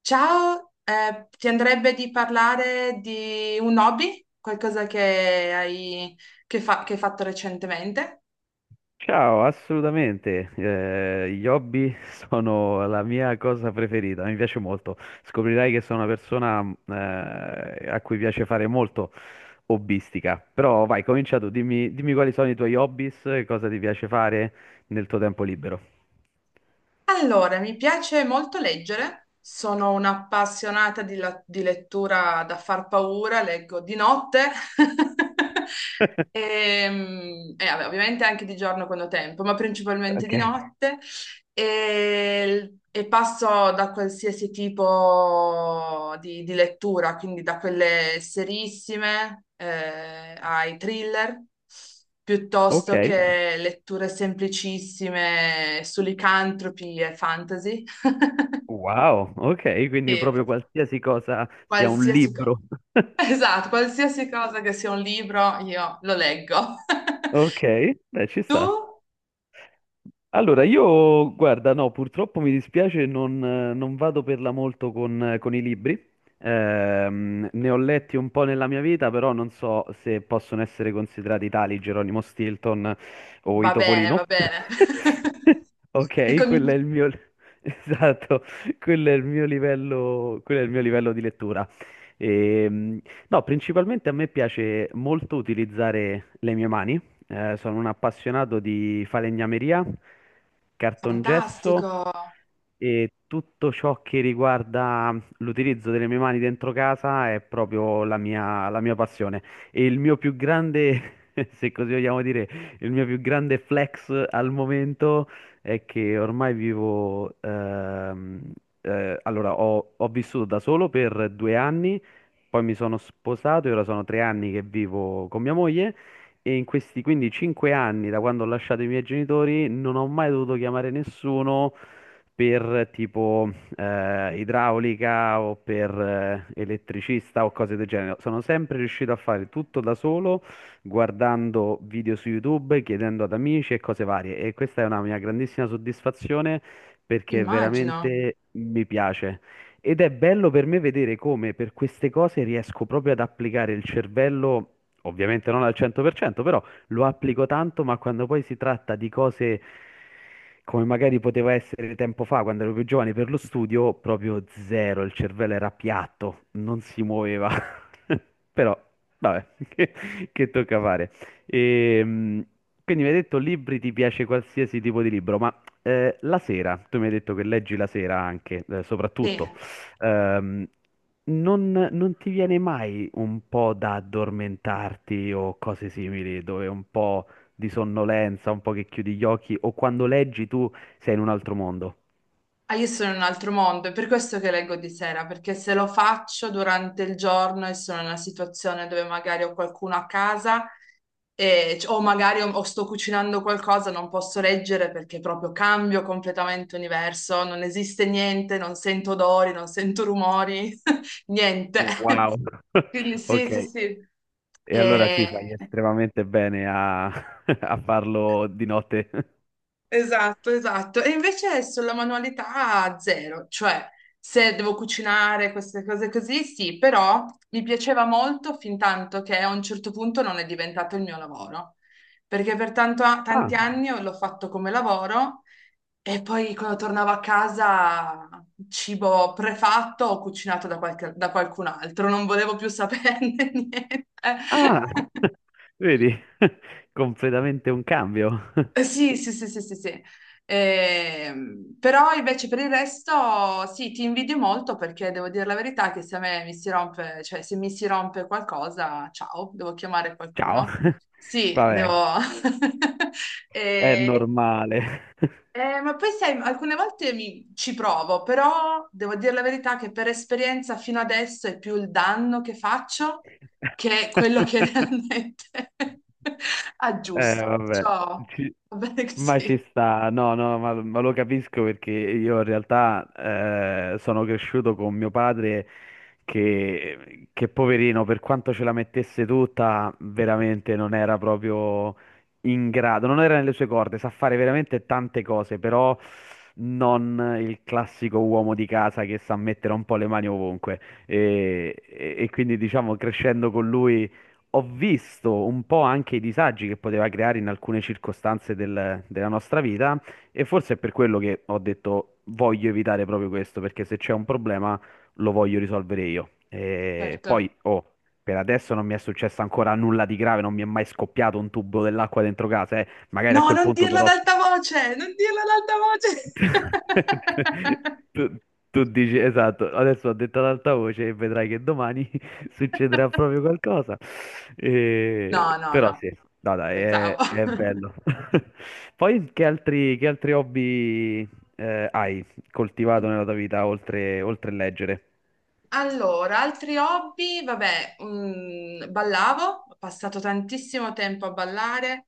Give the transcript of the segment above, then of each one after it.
Ciao, ti andrebbe di parlare di un hobby? Qualcosa che hai, che hai fatto recentemente? Ciao, assolutamente. Gli hobby sono la mia cosa preferita, mi piace molto. Scoprirai che sono una persona a cui piace fare molto hobbistica. Però vai, comincia tu, dimmi quali sono i tuoi hobbies, e cosa ti piace fare nel tuo tempo libero. Allora, mi piace molto leggere, sono un'appassionata di lettura da far paura, leggo di notte e, e vabbè, ovviamente anche di giorno quando ho tempo, ma principalmente di Ok. notte. E passo da qualsiasi tipo di lettura, quindi da quelle serissime ai thriller, Ok, piuttosto che letture semplicissime su licantropi e fantasy. wow, ok, quindi E proprio proprio qualsiasi cosa sia un qualsiasi cosa. libro. Esatto, qualsiasi cosa che sia un libro, io lo leggo. Ok, beh, ci Tu? sta. Allora, io, guarda, no, purtroppo mi dispiace, non vado per la molto con i libri. Ne ho letti un po' nella mia vita, però non so se possono essere considerati tali Geronimo Stilton o i Va bene, Topolino. va bene. Si Ok, quello è comincia- il mio... Esatto, quello è il mio livello, quello è il mio livello di lettura. Ehm, no, principalmente a me piace molto utilizzare le mie mani. Sono un appassionato di falegnameria, cartongesso Fantastico. e tutto ciò che riguarda l'utilizzo delle mie mani dentro casa è proprio la mia passione. E il mio più grande, se così vogliamo dire, il mio più grande flex al momento è che ormai ho vissuto da solo per 2 anni, poi mi sono sposato e ora sono 3 anni che vivo con mia moglie. E in questi quindi 5 anni, da quando ho lasciato i miei genitori, non ho mai dovuto chiamare nessuno per tipo idraulica o per elettricista o cose del genere. Sono sempre riuscito a fare tutto da solo, guardando video su YouTube, chiedendo ad amici e cose varie. E questa è una mia grandissima soddisfazione perché Immagino. veramente mi piace. Ed è bello per me vedere come per queste cose riesco proprio ad applicare il cervello ovviamente non al 100%, però lo applico tanto, ma quando poi si tratta di cose come magari poteva essere tempo fa, quando ero più giovane, per lo studio, proprio zero, il cervello era piatto, non si muoveva. Però, vabbè, che tocca fare. Ehm, quindi mi hai detto libri, ti piace qualsiasi tipo di libro, ma la sera, tu mi hai detto che leggi la sera anche, Sì. soprattutto ehm, non ti viene mai un po' da addormentarti o cose simili, dove un po' di sonnolenza, un po' che chiudi gli occhi, o quando leggi tu sei in un altro mondo? Ah, io sono in un altro mondo, è per questo che leggo di sera, perché se lo faccio durante il giorno e sono in una situazione dove magari ho qualcuno a casa o o sto cucinando qualcosa, non posso leggere perché proprio cambio completamente universo, non esiste niente, non sento odori, non sento rumori, niente. Wow, Quindi sì, sì, ok. sì. E allora sì, fai E- estremamente bene a, a farlo di notte. Esatto, esatto. E invece sulla manualità zero, cioè se devo cucinare queste cose così, sì, però mi piaceva molto fin tanto che a un certo punto non è diventato il mio lavoro, perché per Ah, tanti anni l'ho fatto come lavoro e poi quando tornavo a casa cibo prefatto o cucinato da da qualcun altro, non volevo più saperne niente. ah, vedi, completamente un cambio. Sì, sì, sì, sì, sì, sì. Però invece per il resto sì, ti invidio molto perché devo dire la verità che se a me mi si rompe, cioè se mi si rompe qualcosa, ciao, devo chiamare Ciao. qualcuno. Sì, Vabbè, devo... è Eh, normale. Ma poi sai, alcune volte ci provo, però devo dire la verità che per esperienza fino adesso è più il danno che faccio che quello che realmente aggiusto. vabbè, Perciò ci- va bene ma ci così. sta, no, no, ma lo capisco perché io in realtà sono cresciuto con mio padre che poverino, per quanto ce la mettesse tutta, veramente non era proprio in grado, non era nelle sue corde, sa fare veramente tante cose, però non il classico uomo di casa che sa mettere un po' le mani ovunque. E quindi diciamo crescendo con lui ho visto un po' anche i disagi che poteva creare in alcune circostanze della nostra vita e forse è per quello che ho detto voglio evitare proprio questo, perché se c'è un problema lo voglio risolvere io. E Certo. poi, oh, per adesso non mi è successo ancora nulla di grave, non mi è mai scoppiato un tubo dell'acqua dentro casa, eh. Magari a No, quel non punto dirlo ad dovrò. alta voce, non dirlo ad alta voce. Tu, tu dici, esatto, adesso ho detto ad alta voce e vedrai che domani succederà proprio qualcosa. No, no, Però no, sì, no, dai, scherzavo. è bello. Poi che altri hobby hai coltivato nella tua vita oltre leggere? Allora, altri hobby, vabbè, ballavo, ho passato tantissimo tempo a ballare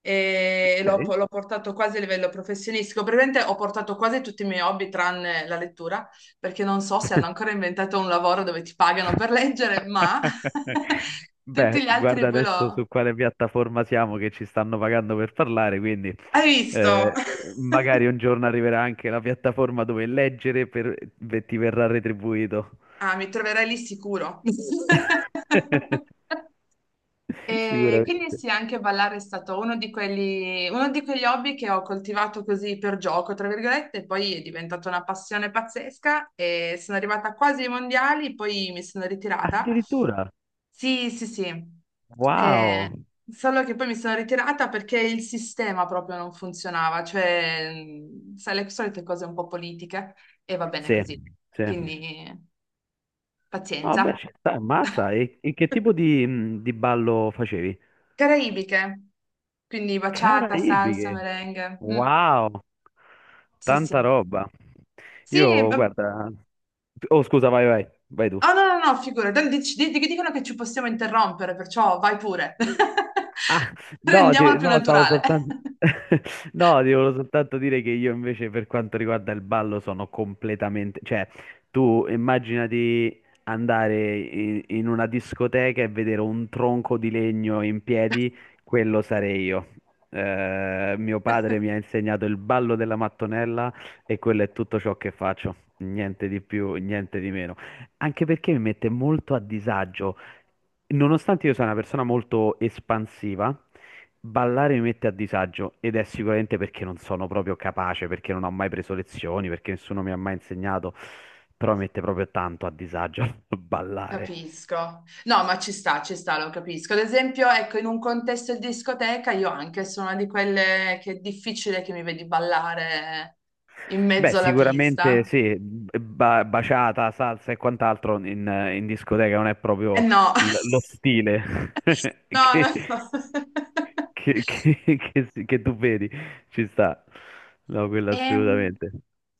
e l'ho Ok. l'ho portato quasi a livello professionistico. Praticamente ho portato quasi tutti i miei hobby tranne la lettura, perché non so se hanno ancora inventato un lavoro dove ti pagano per leggere, ma tutti Beh, gli altri guarda poi adesso su l'ho... quale piattaforma siamo che ci stanno pagando per parlare, quindi Hai visto? eh, magari un giorno arriverà anche la piattaforma dove leggere ti verrà retribuito. Ah, mi troverai lì sicuro. E quindi Sicuramente. sì, anche ballare è stato uno di quelli, uno di quegli hobby che ho coltivato così per gioco, tra virgolette, e poi è diventata una passione pazzesca e sono arrivata quasi ai mondiali, poi mi sono ritirata. Addirittura, Sì, sì, sì. Ah, wow. eh, solo che poi mi sono ritirata perché il sistema proprio non funzionava, cioè, sai, le solite cose un po' politiche e va bene Sì, così. sì. Quindi Vabbè, pazienza. ci sta, ammazza. E, e che tipo di ballo facevi? Caraibiche, quindi baciata, salsa, Caraibiche. merengue. Wow, Sì, sì. tanta roba. Io, Oh guarda... Oh, scusa, vai, vai, vai tu. no, no, no, figurati, dicono che ci possiamo interrompere, perciò vai pure. Ah, no, Rendiamola più no, stavo naturale. soltanto... No, ti volevo soltanto dire che io invece per quanto riguarda il ballo sono completamente... Cioè, tu immaginati andare in una discoteca e vedere un tronco di legno in piedi, quello sarei io. Mio padre mi ha insegnato il ballo della mattonella e quello è tutto ciò che faccio. Niente di più, niente di meno. Anche perché mi mette molto a disagio. Nonostante io sia una persona molto espansiva, ballare mi mette a disagio ed è sicuramente perché non sono proprio capace, perché non ho mai preso lezioni, perché nessuno mi ha mai insegnato, però mi mette proprio tanto a disagio ballare. Capisco. No, ma ci sta, lo capisco. Ad esempio, ecco, in un contesto di discoteca io anche sono una di quelle che è difficile che mi vedi ballare in Beh, mezzo alla sicuramente pista. sì, baciata, salsa e quant'altro in, discoteca non è Eh proprio no. Lo stile No, che, no. che tu vedi, ci sta. No, quello Ehm, assolutamente.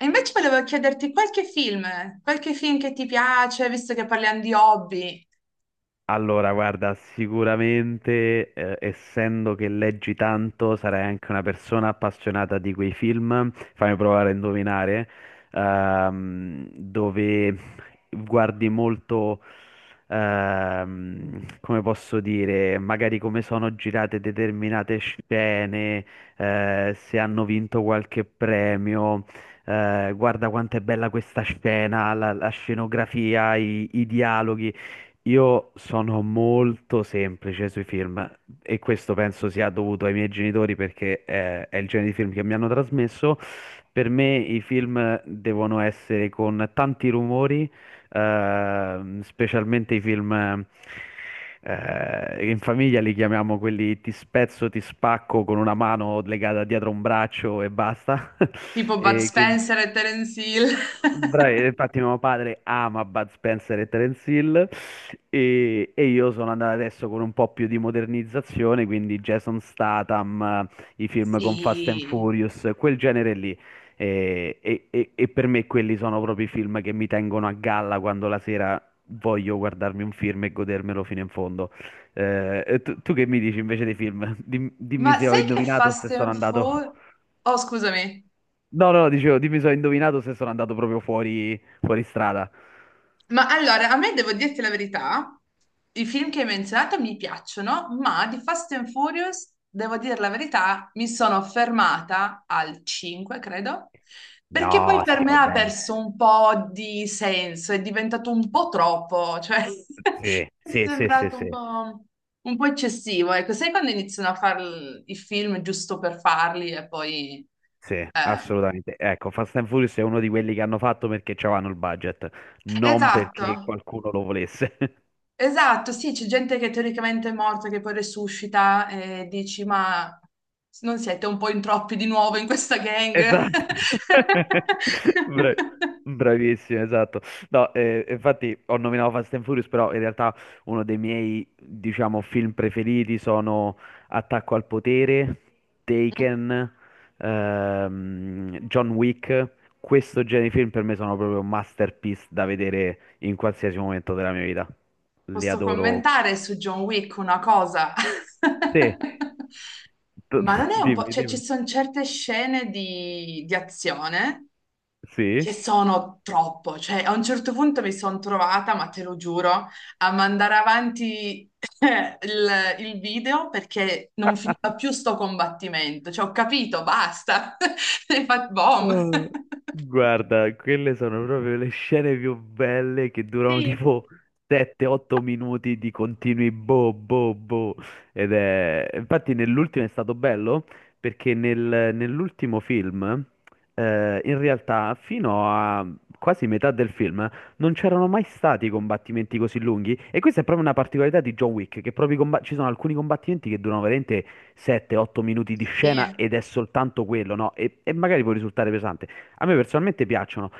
e invece volevo chiederti qualche film che ti piace, visto che parliamo di hobby, Allora, guarda, sicuramente, essendo che leggi tanto, sarai anche una persona appassionata di quei film, fammi provare a indovinare, dove guardi molto, come posso dire, magari come sono girate determinate scene, se hanno vinto qualche premio. Guarda quanto è bella questa scena, la scenografia, i dialoghi. Io sono molto semplice sui film e questo penso sia dovuto ai miei genitori perché è il genere di film che mi hanno trasmesso. Per me i film devono essere con tanti rumori, specialmente i film in famiglia li chiamiamo quelli ti spezzo, ti spacco con una mano legata dietro un braccio e basta. tipo Bud E quindi Spencer e Terence Hill. Bravi, infatti mio padre ama Bud Spencer e Terence Hill e io sono andato adesso con un po' più di modernizzazione, quindi Jason Statham, i film con Fast and Sì, Furious, quel genere lì. E per me quelli sono proprio i film che mi tengono a galla quando la sera voglio guardarmi un film e godermelo fino in fondo. Tu che mi dici invece dei film? Dimmi ma se ho sai che indovinato o Fast se sono and andato. Furious... Oh, scusami. No, no, dicevo, dimmi se ho indovinato se sono andato proprio fuori, fuori strada. Ma allora, a me devo dirti la verità, i film che hai menzionato mi piacciono, ma di Fast and Furious, devo dire la verità, mi sono fermata al 5, credo, perché poi No, per sì, me va ha bene. perso un po' di senso, è diventato un po' troppo, cioè Sì, mi è sì, sì, sì, sembrato sì, un po' eccessivo. Ecco, sai quando iniziano a fare i film giusto per farli e poi... sì, eh, assolutamente. Ecco, Fast and Furious è uno di quelli che hanno fatto perché c'avevano il budget, non esatto, perché qualcuno lo volesse. esatto, sì, c'è gente che teoricamente è morta che poi resuscita e dici, ma non siete un po' in troppi di nuovo in questa gang? Esatto. Bra- Bravissimo, esatto. No, infatti ho nominato Fast and Furious, però in realtà uno dei miei, diciamo, film preferiti sono Attacco al potere, Taken, John Wick. Questo genere di film per me sono proprio masterpiece da vedere in qualsiasi momento della mia vita. Li Posso adoro. commentare su John Wick una cosa? Sì, Ma non è un po', dimmi, cioè ci dimmi. sono certe scene di azione Sì. che sono troppo, cioè a un certo punto mi sono trovata, ma te lo giuro, a mandare avanti il video perché non finiva più sto combattimento, cioè ho capito, basta, hai fatto bom. Ah, guarda, quelle sono proprio le scene più belle che durano Sì. tipo 7-8 minuti di continui boh boh boh. Infatti nell'ultimo è stato bello perché nell'ultimo film, in realtà fino a quasi metà del film non c'erano mai stati combattimenti così lunghi. E questa è proprio una particolarità di John Wick, che proprio ci sono alcuni combattimenti che durano veramente 7-8 minuti di scena Sì, ed è soltanto quello, no? E magari può risultare pesante. A me personalmente piacciono.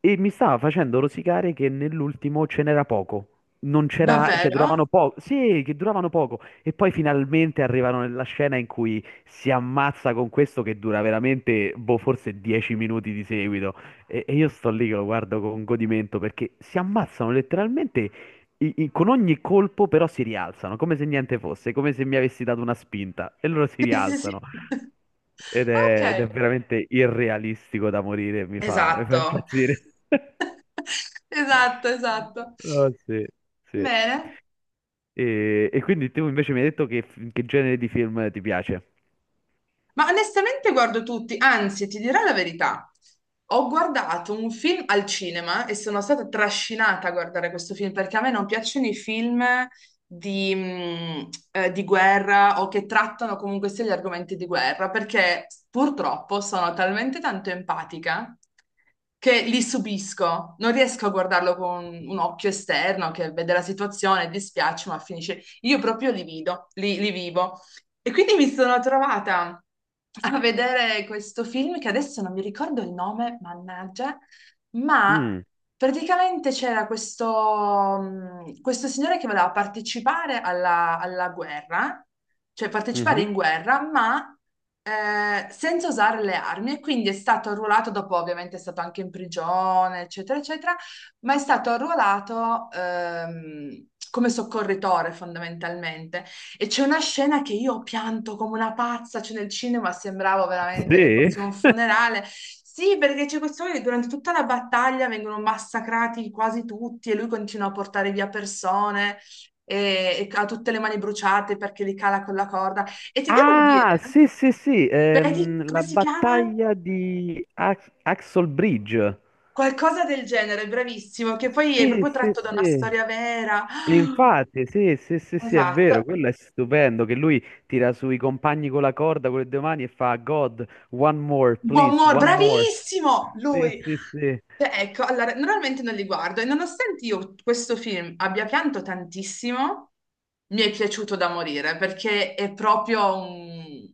E mi stava facendo rosicare che nell'ultimo ce n'era poco. Non c'era, cioè duravano davvero? poco, sì, che duravano poco. E poi finalmente arrivano nella scena in cui si ammazza con questo che dura veramente, boh, forse 10 minuti di seguito. E io sto lì che lo guardo con godimento perché si ammazzano letteralmente con ogni colpo però si rialzano, come se niente fosse, come se mi avessi dato una spinta e loro si Sì, sì, sì. rialzano ed è Ok, veramente irrealistico da morire, mi fa esatto, impazzire. esatto, esatto. Oh, sì, sì. Bene. E quindi tu invece mi hai detto che, genere di film ti piace? Ma onestamente guardo tutti, anzi, ti dirò la verità. Ho guardato un film al cinema e sono stata trascinata a guardare questo film perché a me non piacciono i film di guerra o che trattano comunque sia gli argomenti di guerra perché purtroppo sono talmente tanto empatica che li subisco, non riesco a guardarlo con un occhio esterno che vede la situazione, dispiace, ma finisce. Io proprio li vedo, li vivo. E quindi mi sono trovata a vedere questo film che adesso non mi ricordo il nome, mannaggia, ma Mm, praticamente c'era questo, questo signore che voleva partecipare alla guerra, cioè partecipare mhm. in guerra, ma senza usare le armi e quindi è stato arruolato, dopo ovviamente è stato anche in prigione, eccetera, eccetera, ma è stato arruolato come soccorritore fondamentalmente. E c'è una scena che io ho pianto come una pazza, cioè nel cinema sembrava veramente che Sì? fosse un funerale. Sì, perché c'è questo che durante tutta la battaglia vengono massacrati quasi tutti e lui continua a portare via persone e ha tutte le mani bruciate perché li cala con la corda. E ti devo dire, Ah, sì, sì, sì, vedi come la si chiama? battaglia di Axel Bridge. Qualcosa del genere, bravissimo, che poi è Sì, proprio sì, tratto da una sì. storia vera. E infatti, sì, sì, sì, Ah, sì, è esatto. vero, quello è stupendo che lui tira sui compagni con la corda con le due mani e fa God, one more, Buon please, Mor, one more. bravissimo! Sì, Lui. sì, sì. Cioè, ecco, allora, normalmente non li guardo e nonostante io questo film abbia pianto tantissimo, mi è piaciuto da morire perché è proprio un...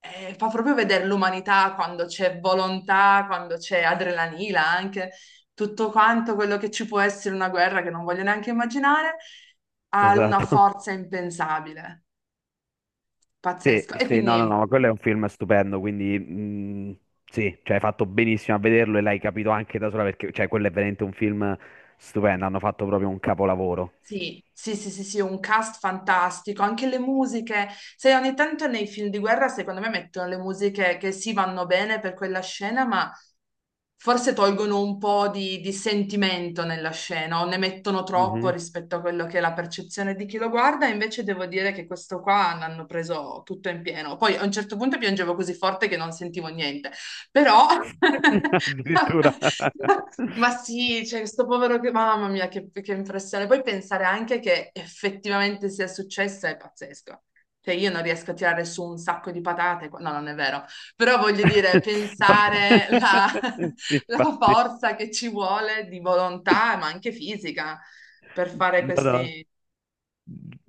fa proprio vedere l'umanità quando c'è volontà, quando c'è adrenalina, anche tutto quanto quello che ci può essere in una guerra che non voglio neanche immaginare, ha una Esatto. forza impensabile, Sì, pazzesco. E sì, no, no, no, quindi... ma quello è un film stupendo, quindi sì, cioè hai fatto benissimo a vederlo e l'hai capito anche da sola perché cioè, quello è veramente un film stupendo, hanno fatto proprio un capolavoro. Sì, sì, sì, sì, sì, un cast fantastico, anche le musiche, se ogni tanto nei film di guerra secondo me mettono le musiche che sì vanno bene per quella scena, ma forse tolgono un po' di sentimento nella scena o ne mettono troppo Mhm. rispetto a quello che è la percezione di chi lo guarda, invece devo dire che questo qua l'hanno preso tutto in pieno. Poi a un certo punto piangevo così forte che non sentivo niente. Però, Addirittura. ma sì, cioè, questo povero che, mamma mia, che impressione. Poi pensare anche che effettivamente sia successo è pazzesco. Cioè, io non riesco a tirare su un sacco di patate, no, non è vero, però voglio dire, pensare la, Sì, la infatti, forza che ci vuole di volontà, ma anche fisica, per fare no, no, questi...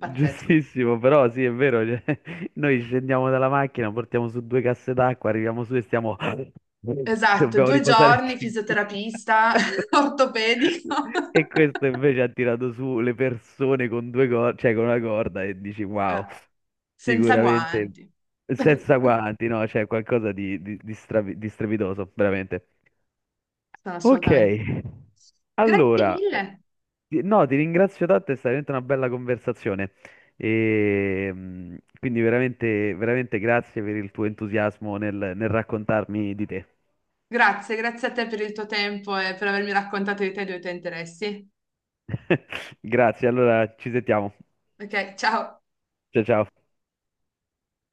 Pazzesco. però sì, è vero, cioè, noi scendiamo dalla macchina, portiamo su due casse d'acqua, arriviamo su e stiamo... Ci Esatto, dobbiamo due riposare giorni, cinque. fisioterapista, ortopedico. E questo invece ha tirato su le persone con due corde, cioè con una corda e dici wow, Eh, senza sicuramente guanti. Sono senza guanti, no? C'è qualcosa di strepitoso, veramente. Ok, assolutamente. Grazie allora, mille. No, ti ringrazio tanto, è stata veramente una bella conversazione. E, quindi veramente, veramente grazie per il tuo entusiasmo nel raccontarmi di te. Grazie, grazie a te per il tuo tempo e per avermi raccontato di te e dei tuoi interessi. Grazie, allora ci sentiamo. Ok, ciao. Ciao ciao.